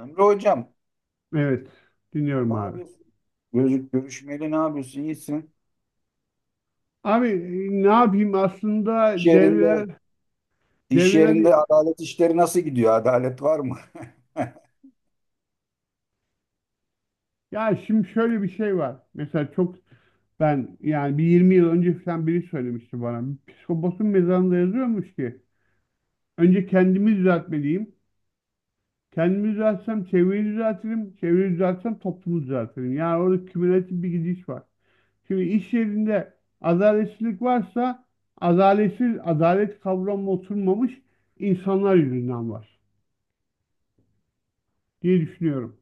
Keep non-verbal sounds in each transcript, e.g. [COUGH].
Emre hocam, Evet, dinliyorum ne abi. yapıyorsun? Gözük görüşmeli ne yapıyorsun? İyisin. Abi, ne yapayım aslında İş yerinde, devreler iş devreler yerinde adalet işleri nasıl gidiyor? Adalet var mı? ya, şimdi şöyle bir şey var. Mesela çok, ben yani bir 20 yıl önce falan biri söylemişti bana. Psikoposun mezarında yazıyormuş ki önce kendimi düzeltmeliyim. Kendimi düzeltsem çevreyi düzeltirim. Çevreyi düzeltsem toplumu düzeltirim. Yani orada kümülatif bir gidiş var. Şimdi iş yerinde adaletsizlik varsa, adaletsiz adalet kavramı oturmamış insanlar yüzünden var diye düşünüyorum.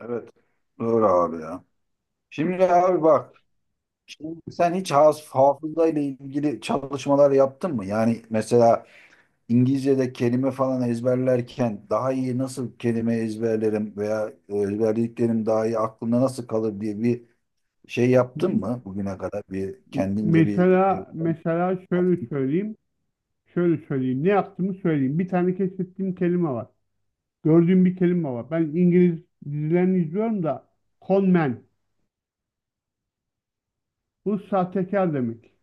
Evet. Doğru abi ya. Şimdi abi bak, şimdi sen hiç hafıza ile ilgili çalışmalar yaptın mı? Yani mesela İngilizce'de kelime falan ezberlerken daha iyi nasıl kelime ezberlerim veya ezberlediklerim daha iyi aklımda nasıl kalır diye bir şey Hı yaptın hı. mı bugüne kadar bir kendince bir Mesela şöyle söyleyeyim. Ne yaptığımı söyleyeyim. Bir tane keşfettiğim kelime var. Gördüğüm bir kelime var. Ben İngiliz dizilerini izliyorum da, con man. Bu sahtekar demek.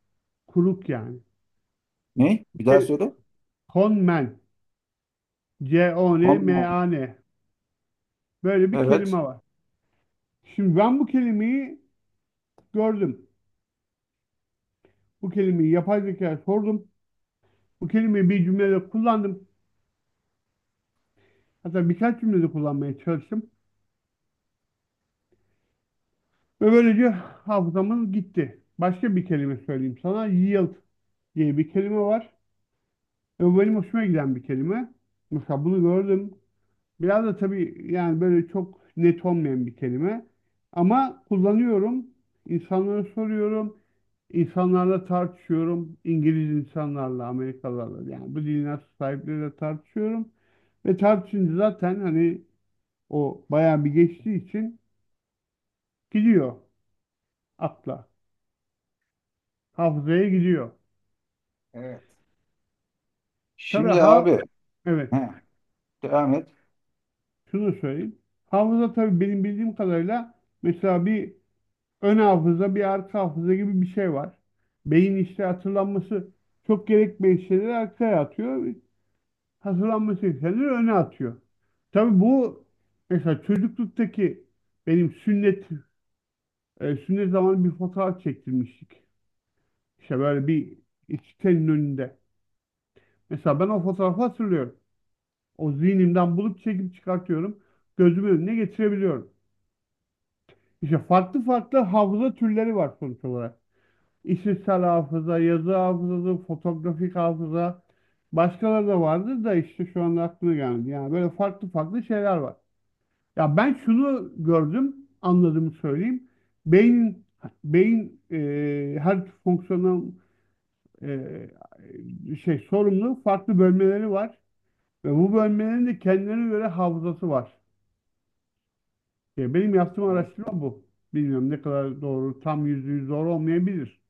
Kuruk yani. ne? Bir daha Kel- söyle. Con man. Konu. C-O-N-M-A-N. Böyle bir kelime Evet. var. Şimdi ben bu kelimeyi gördüm. Bu kelimeyi yapay zekaya sordum. Bu kelimeyi bir cümlede kullandım. Hatta birkaç cümlede kullanmaya çalıştım. Ve böylece hafızamız gitti. Başka bir kelime söyleyeyim sana. Yield diye bir kelime var. Ve benim hoşuma giden bir kelime. Mesela bunu gördüm. Biraz da tabii yani böyle çok net olmayan bir kelime. Ama kullanıyorum. İnsanlara soruyorum. İnsanlarla tartışıyorum. İngiliz insanlarla, Amerikalılarla, yani bu dilin sahipleriyle tartışıyorum. Ve tartışınca zaten, hani, o bayağı bir geçtiği için gidiyor akla. Hafızaya gidiyor. Evet. Tabii, Şimdi ha, abi, evet. heh, devam et. Şunu söyleyeyim. Hafıza, tabii, benim bildiğim kadarıyla, mesela bir ön hafıza, bir arka hafıza gibi bir şey var. Beyin işte hatırlanması çok gerekmeyen şeyleri arkaya atıyor. Hatırlanması gerekenleri öne atıyor. Tabii bu, mesela çocukluktaki, benim sünnet zamanı bir fotoğraf çektirmiştik. İşte böyle bir sitenin önünde. Mesela ben o fotoğrafı hatırlıyorum. O zihnimden bulup çekip çıkartıyorum. Gözümün önüne getirebiliyorum. İşte farklı farklı hafıza türleri var sonuç olarak. İşitsel hafıza, yazı hafızası, fotoğrafik hafıza. Başkaları da vardır da işte şu anda aklıma gelmedi. Yani böyle farklı farklı şeyler var. Ya ben şunu gördüm, anladığımı söyleyeyim. Beynin, her fonksiyonel e, şey sorumlu farklı bölmeleri var ve bu bölmelerin de kendilerine göre hafızası var. Ya benim yaptığım Evet. araştırma bu. Bilmiyorum ne kadar doğru, tam yüzde yüz doğru olmayabilir.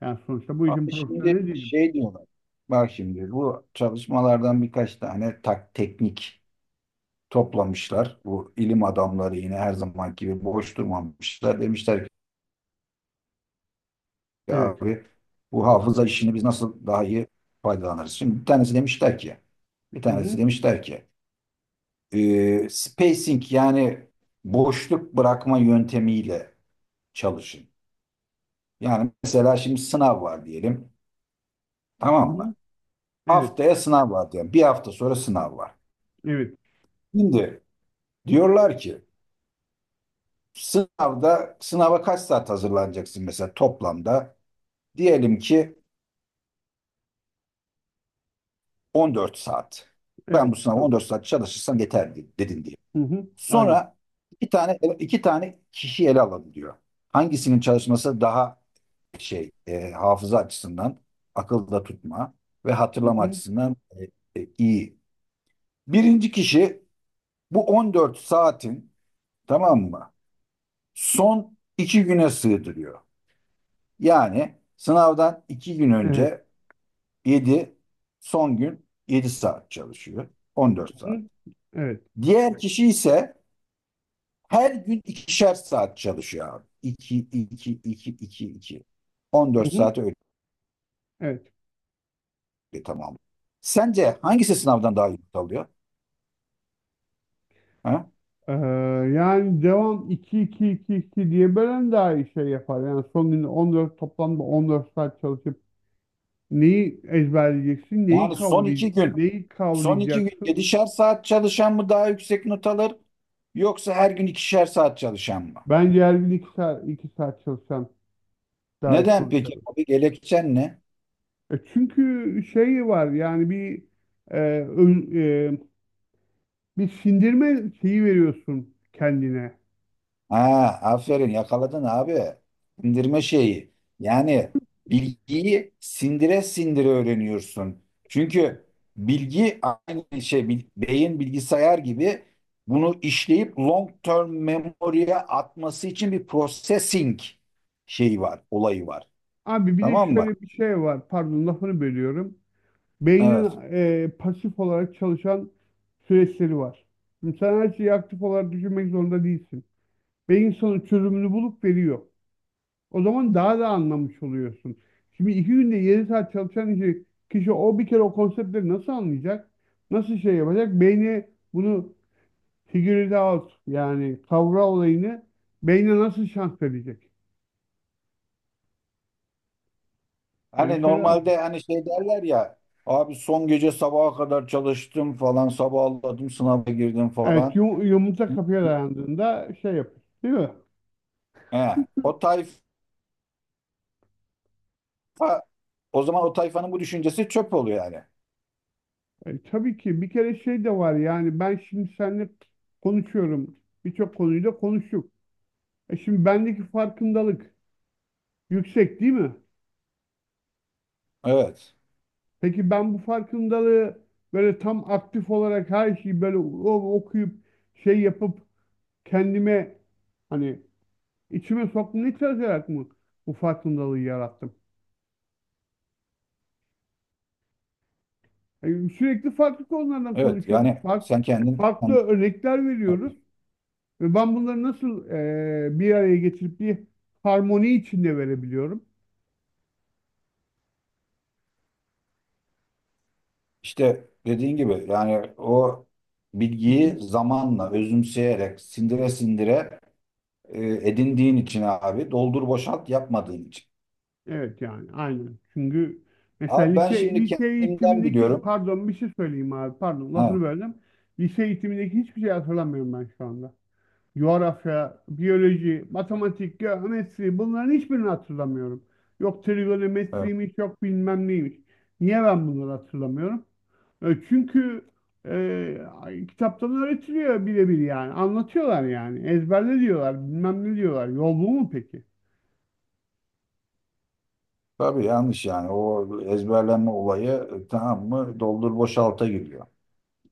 Yani sonuçta bu işin Abi şimdi profesyoneli değilim. şey diyorlar. Bak şimdi bu çalışmalardan birkaç tane teknik toplamışlar. Bu ilim adamları yine her zaman gibi boş durmamışlar. Demişler ki Evet. abi, bu hafıza işini biz nasıl daha iyi faydalanırız? Şimdi bir tanesi demişler ki, bir Hı hı. tanesi demişler ki spacing, yani boşluk bırakma yöntemiyle çalışın. Yani mesela şimdi sınav var diyelim. Hı Tamam hı. mı? Evet. Haftaya sınav var diyelim. Bir hafta sonra sınav var. Evet. Şimdi diyorlar ki sınavda sınava kaç saat hazırlanacaksın mesela toplamda? Diyelim ki 14 saat. Ben bu Evet. sınava Tamam. 14 saat çalışırsam yeter dedin diye. Hı hı. Aynı. Sonra iki tane kişi ele alalım diyor. Hangisinin çalışması daha şey, hafıza açısından, akılda tutma ve Hı hatırlama hı. açısından iyi. Birinci kişi bu 14 saatin, tamam mı, son 2 güne sığdırıyor. Yani sınavdan 2 gün Evet. önce 7, son gün 7 saat çalışıyor. On dört Hı saat. hı. Evet. Diğer kişi ise her gün ikişer saat çalışıyor abi. İki iki iki. İki. İki. On Hı dört hı. saati Evet. öyle, tamam. Sence hangisi sınavdan daha iyi not alıyor? Ha? Ee, yani devam, iki iki iki iki diye bölen daha iyi şey yapar. Yani son gün 14, toplamda 14 saat çalışıp neyi ezberleyeceksin, Yani son iki gün, neyi son iki gün kavrayacaksın? yedişer saat çalışan mı daha yüksek not alır, yoksa her gün ikişer saat çalışan mı? Bence her gün 2 saat, 2 saat çalışan daha iyi Neden sonuç peki alır. abi, gerekçen ne? Çünkü şey var, yani bir e, ön- e, bir sindirme şeyi veriyorsun kendine. Ha, aferin yakaladın abi. Sindirme şeyi. Yani bilgiyi sindire sindire öğreniyorsun. Çünkü bilgi aynı şey, beyin bilgisayar gibi bunu işleyip long term memory'e atması için bir processing şeyi var, olayı var. Abi bir de Tamam mı? şöyle bir şey var. Pardon, lafını bölüyorum. Beynin Evet. Pasif olarak çalışan süreçleri var. Şimdi sen her şeyi aktif olarak düşünmek zorunda değilsin. Beyin sana çözümünü bulup veriyor. O zaman daha da anlamış oluyorsun. Şimdi iki günde 7 saat çalışan kişi o bir kere o konseptleri nasıl anlayacak? Nasıl şey yapacak? Beyni bunu figure it out, yani kavra olayını beyne nasıl şans verecek? Böyle Hani şeyler var. normalde hani şey derler ya, abi son gece sabaha kadar çalıştım falan, sabahladım sınava girdim Evet, falan. Yumurta kapıya dayandığında şey yapıyor, değil mi? He, o tayfa, o zaman o tayfanın bu düşüncesi çöp oluyor yani. Tabii ki bir kere şey de var, yani ben şimdi seninle konuşuyorum. Birçok konuyu da konuştuk. Şimdi bendeki farkındalık yüksek, değil mi? Evet. Peki ben bu farkındalığı böyle tam aktif olarak, her şeyi böyle okuyup şey yapıp kendime, hani, içime soktum, ne kadar yarat mı bu farkındalığı yarattım? Yani sürekli farklı konulardan Evet konuşuyoruz. yani Fark, sen kendin farklı sen, örnekler veriyoruz. Ve ben bunları nasıl bir araya getirip bir harmoni içinde verebiliyorum? İşte dediğin gibi yani o Hı hı. bilgiyi zamanla özümseyerek sindire sindire edindiğin için abi, doldur boşalt yapmadığın için. Evet, yani aynen. Çünkü mesela Abi ben lise, şimdi lise kendimden eğitimindeki, biliyorum. pardon, bir şey söyleyeyim abi, pardon, Ha, lafını böldüm. Lise eğitimindeki hiçbir şey hatırlamıyorum ben şu anda. Coğrafya, biyoloji, matematik, geometri, bunların hiçbirini hatırlamıyorum. Yok evet. trigonometriymiş, yok bilmem neymiş. Niye ben bunları hatırlamıyorum? Çünkü kitaptan öğretiliyor birebir yani. Anlatıyorlar yani. Ezberle diyorlar, bilmem ne diyorlar. Yol bu mu peki? Tabii yanlış yani o ezberlenme olayı, tamam mı, doldur boşalta giriyor.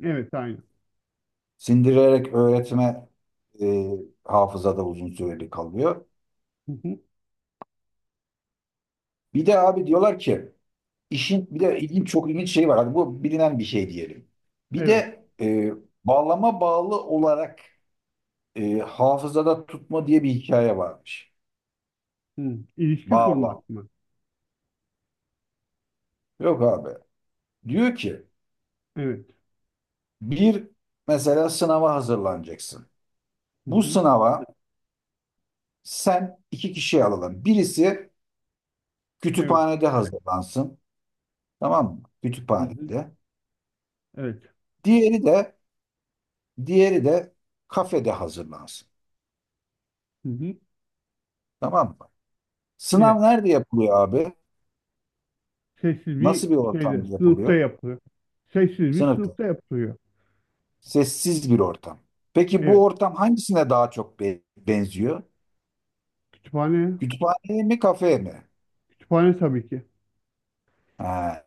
Evet, aynı. Sindirerek öğretme e, hafızada uzun süreli kalıyor. Hı hı. Bir de abi diyorlar ki, İşin bir de ilginç, çok ilginç şey var. Hadi bu bilinen bir şey diyelim. Bir Evet. de bağlama bağlı olarak hafızada tutma diye bir hikaye varmış. Hı. İlişki Bağlam. kurmak mı? Yok abi. Diyor ki Evet. bir, mesela sınava hazırlanacaksın. Hı Bu hı. sınava sen iki kişi alalım. Birisi Evet. kütüphanede hazırlansın. Tamam mı? Hı hı. Kütüphanede. Evet. Diğeri de, diğeri de kafede hazırlansın. Hı hı. Tamam mı? Evet. Sınav nerede yapılıyor abi? Sessiz bir Nasıl bir şeyde, ortamda sınıfta yapılıyor? yapılıyor. Sessiz bir Sınıfta. sınıfta yapılıyor. Sessiz bir ortam. Peki Evet, bu ortam hangisine daha çok benziyor? kütüphane, Kütüphaneye mi, kafeye mi? kütüphane tabii ki. Ha,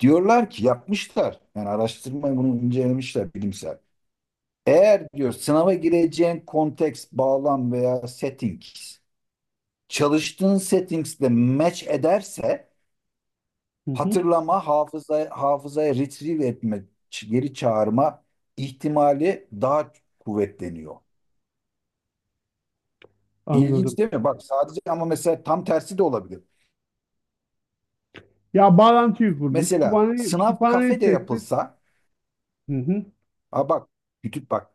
diyorlar ki yapmışlar. Yani araştırma bunu incelemişler bilimsel. Eğer diyor sınava gireceğin konteks, bağlam veya settings çalıştığın settings'le match ederse Hı hı, hatırlama, hafıza, hafızaya retrieve etme, geri çağırma ihtimali daha kuvvetleniyor. anladım. İlginç değil mi? Bak sadece, ama mesela tam tersi de olabilir. Ya, bağlantıyı kurdun. Mesela Kütüphane, sınav kütüphaneyi kafede seçtin. yapılsa, Hı hı. ha bak, bak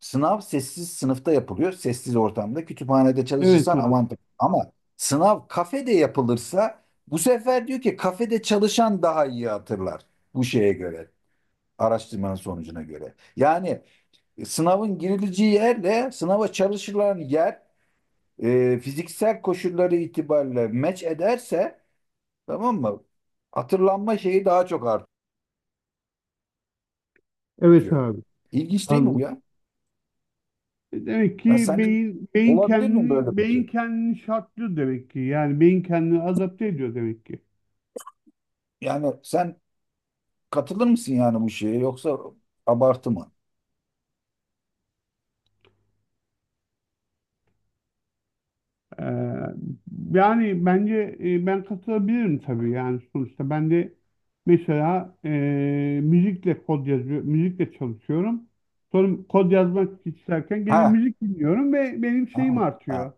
sınav sessiz sınıfta yapılıyor, sessiz ortamda kütüphanede Evet çalışırsan abi. avantaj. Ama sınav kafede yapılırsa bu sefer diyor ki kafede çalışan daha iyi hatırlar, bu şeye göre, araştırmanın sonucuna göre. Yani sınavın girileceği yerle sınava çalışılan yer fiziksel koşulları itibariyle meç ederse, tamam mı, hatırlanma şeyi daha çok Evet artıyor. abi. İlginç değil mi bu Anladım. ya? Demek Yani ki sence beyin beyin olabilir mi böyle kendini bir beyin şey? kendini şartlıyor demek ki. Yani beyin kendini adapte ediyor demek ki. Yani sen katılır mısın yani bu şeye, yoksa abartı mı? Ee, yani bence, ben katılabilirim tabii, yani sonuçta ben de mesela müzikle kod yazıyor, müzikle çalışıyorum. Sonra kod yazmak isterken gene Ha, müzik dinliyorum ve benim ha, şeyim artıyor. ha.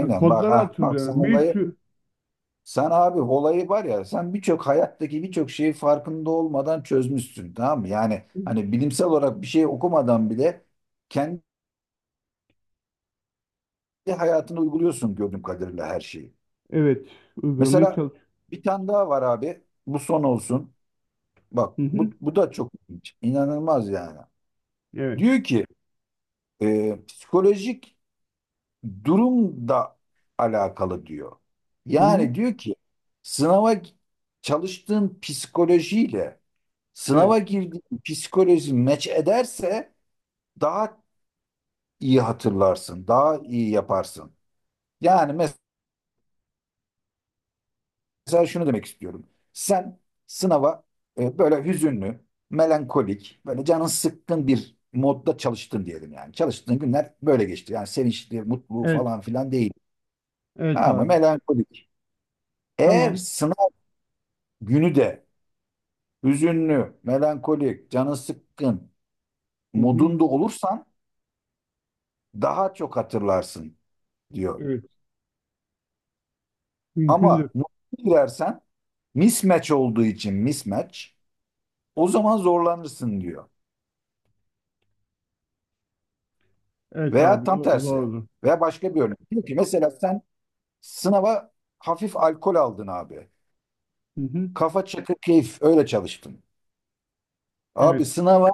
Yani bak, kodları ha bak sen hatırlıyorum. Bir olayı, sürü, sen abi olayı var ya, sen birçok hayattaki birçok şeyi farkında olmadan çözmüşsün, tamam mı? Yani hani bilimsel olarak bir şey okumadan bile kendi hayatına uyguluyorsun gördüğüm kadarıyla her şeyi. evet, uygulamayı Mesela çalışıyorum. bir tane daha var abi, bu son olsun. Bak Hı bu, hı, bu da çok ilginç. İnanılmaz yani. evet. Diyor ki psikolojik durum da alakalı diyor. Hı hı, Yani diyor ki sınava çalıştığın psikolojiyle evet. sınava girdiğin psikoloji meç ederse daha iyi hatırlarsın, daha iyi yaparsın. Yani mesela şunu demek istiyorum. Sen sınava böyle hüzünlü, melankolik, böyle canın sıkkın bir modda çalıştın diyelim yani. Çalıştığın günler böyle geçti. Yani sevinçli, mutlu Evet. falan filan değil. Evet Ama abi. melankolik. Eğer Tamam. sınav günü de hüzünlü, melankolik, canın sıkkın Hı hı, modunda olursan daha çok hatırlarsın diyor. evet. Mümkündür. Ama mutlu girersen mismatch olduğu için, mismatch, o zaman zorlanırsın diyor. Evet Veya abi. tam tersi. Zordur. Veya başka bir örnek. Diyor ki mesela sen sınava hafif alkol aldın abi. Hı hı, Kafa çakı keyif öyle çalıştın. Abi evet. sınava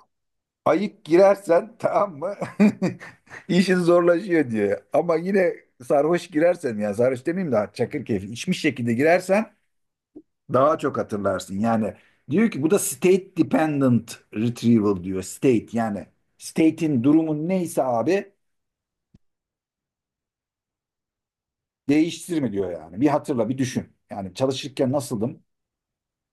ayık girersen, tamam mı, [LAUGHS] İşin zorlaşıyor diye. Ama yine sarhoş girersen, yani sarhoş demeyeyim de çakır keyfi içmiş şekilde girersen daha çok hatırlarsın. Yani diyor ki bu da state dependent retrieval diyor. State, yani state'in, durumun neyse abi, değiştirme diyor yani. Bir hatırla, bir düşün. Yani çalışırken nasıldım,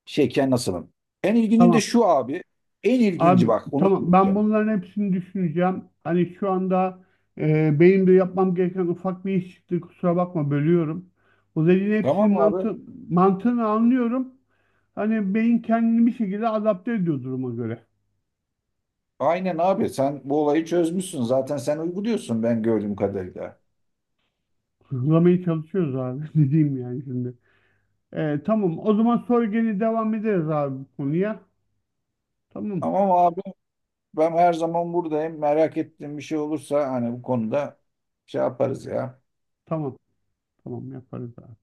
şeyken nasılım. En ilginci de Tamam. şu abi. En ilginci Abi, bak, onu tamam, ben söyleyeceğim. bunların hepsini düşüneceğim. Hani şu anda benim de yapmam gereken ufak bir iş çıktı. Kusura bakma, bölüyorum. Bu dediğin hepsinin Tamam abi? Mantığını anlıyorum. Hani beyin kendini bir şekilde adapte ediyor duruma göre. Aynen abi, sen bu olayı çözmüşsün. Zaten sen uyguluyorsun ben gördüğüm kadarıyla. Hızlamaya çalışıyoruz abi. [LAUGHS] Dediğim yani şimdi. Tamam, o zaman sonra gene devam ederiz abi bu konuya. Tamam, Tamam abi, ben her zaman buradayım. Merak ettiğim bir şey olursa hani bu konuda şey yaparız ya. tamam, tamam, yaparız abi.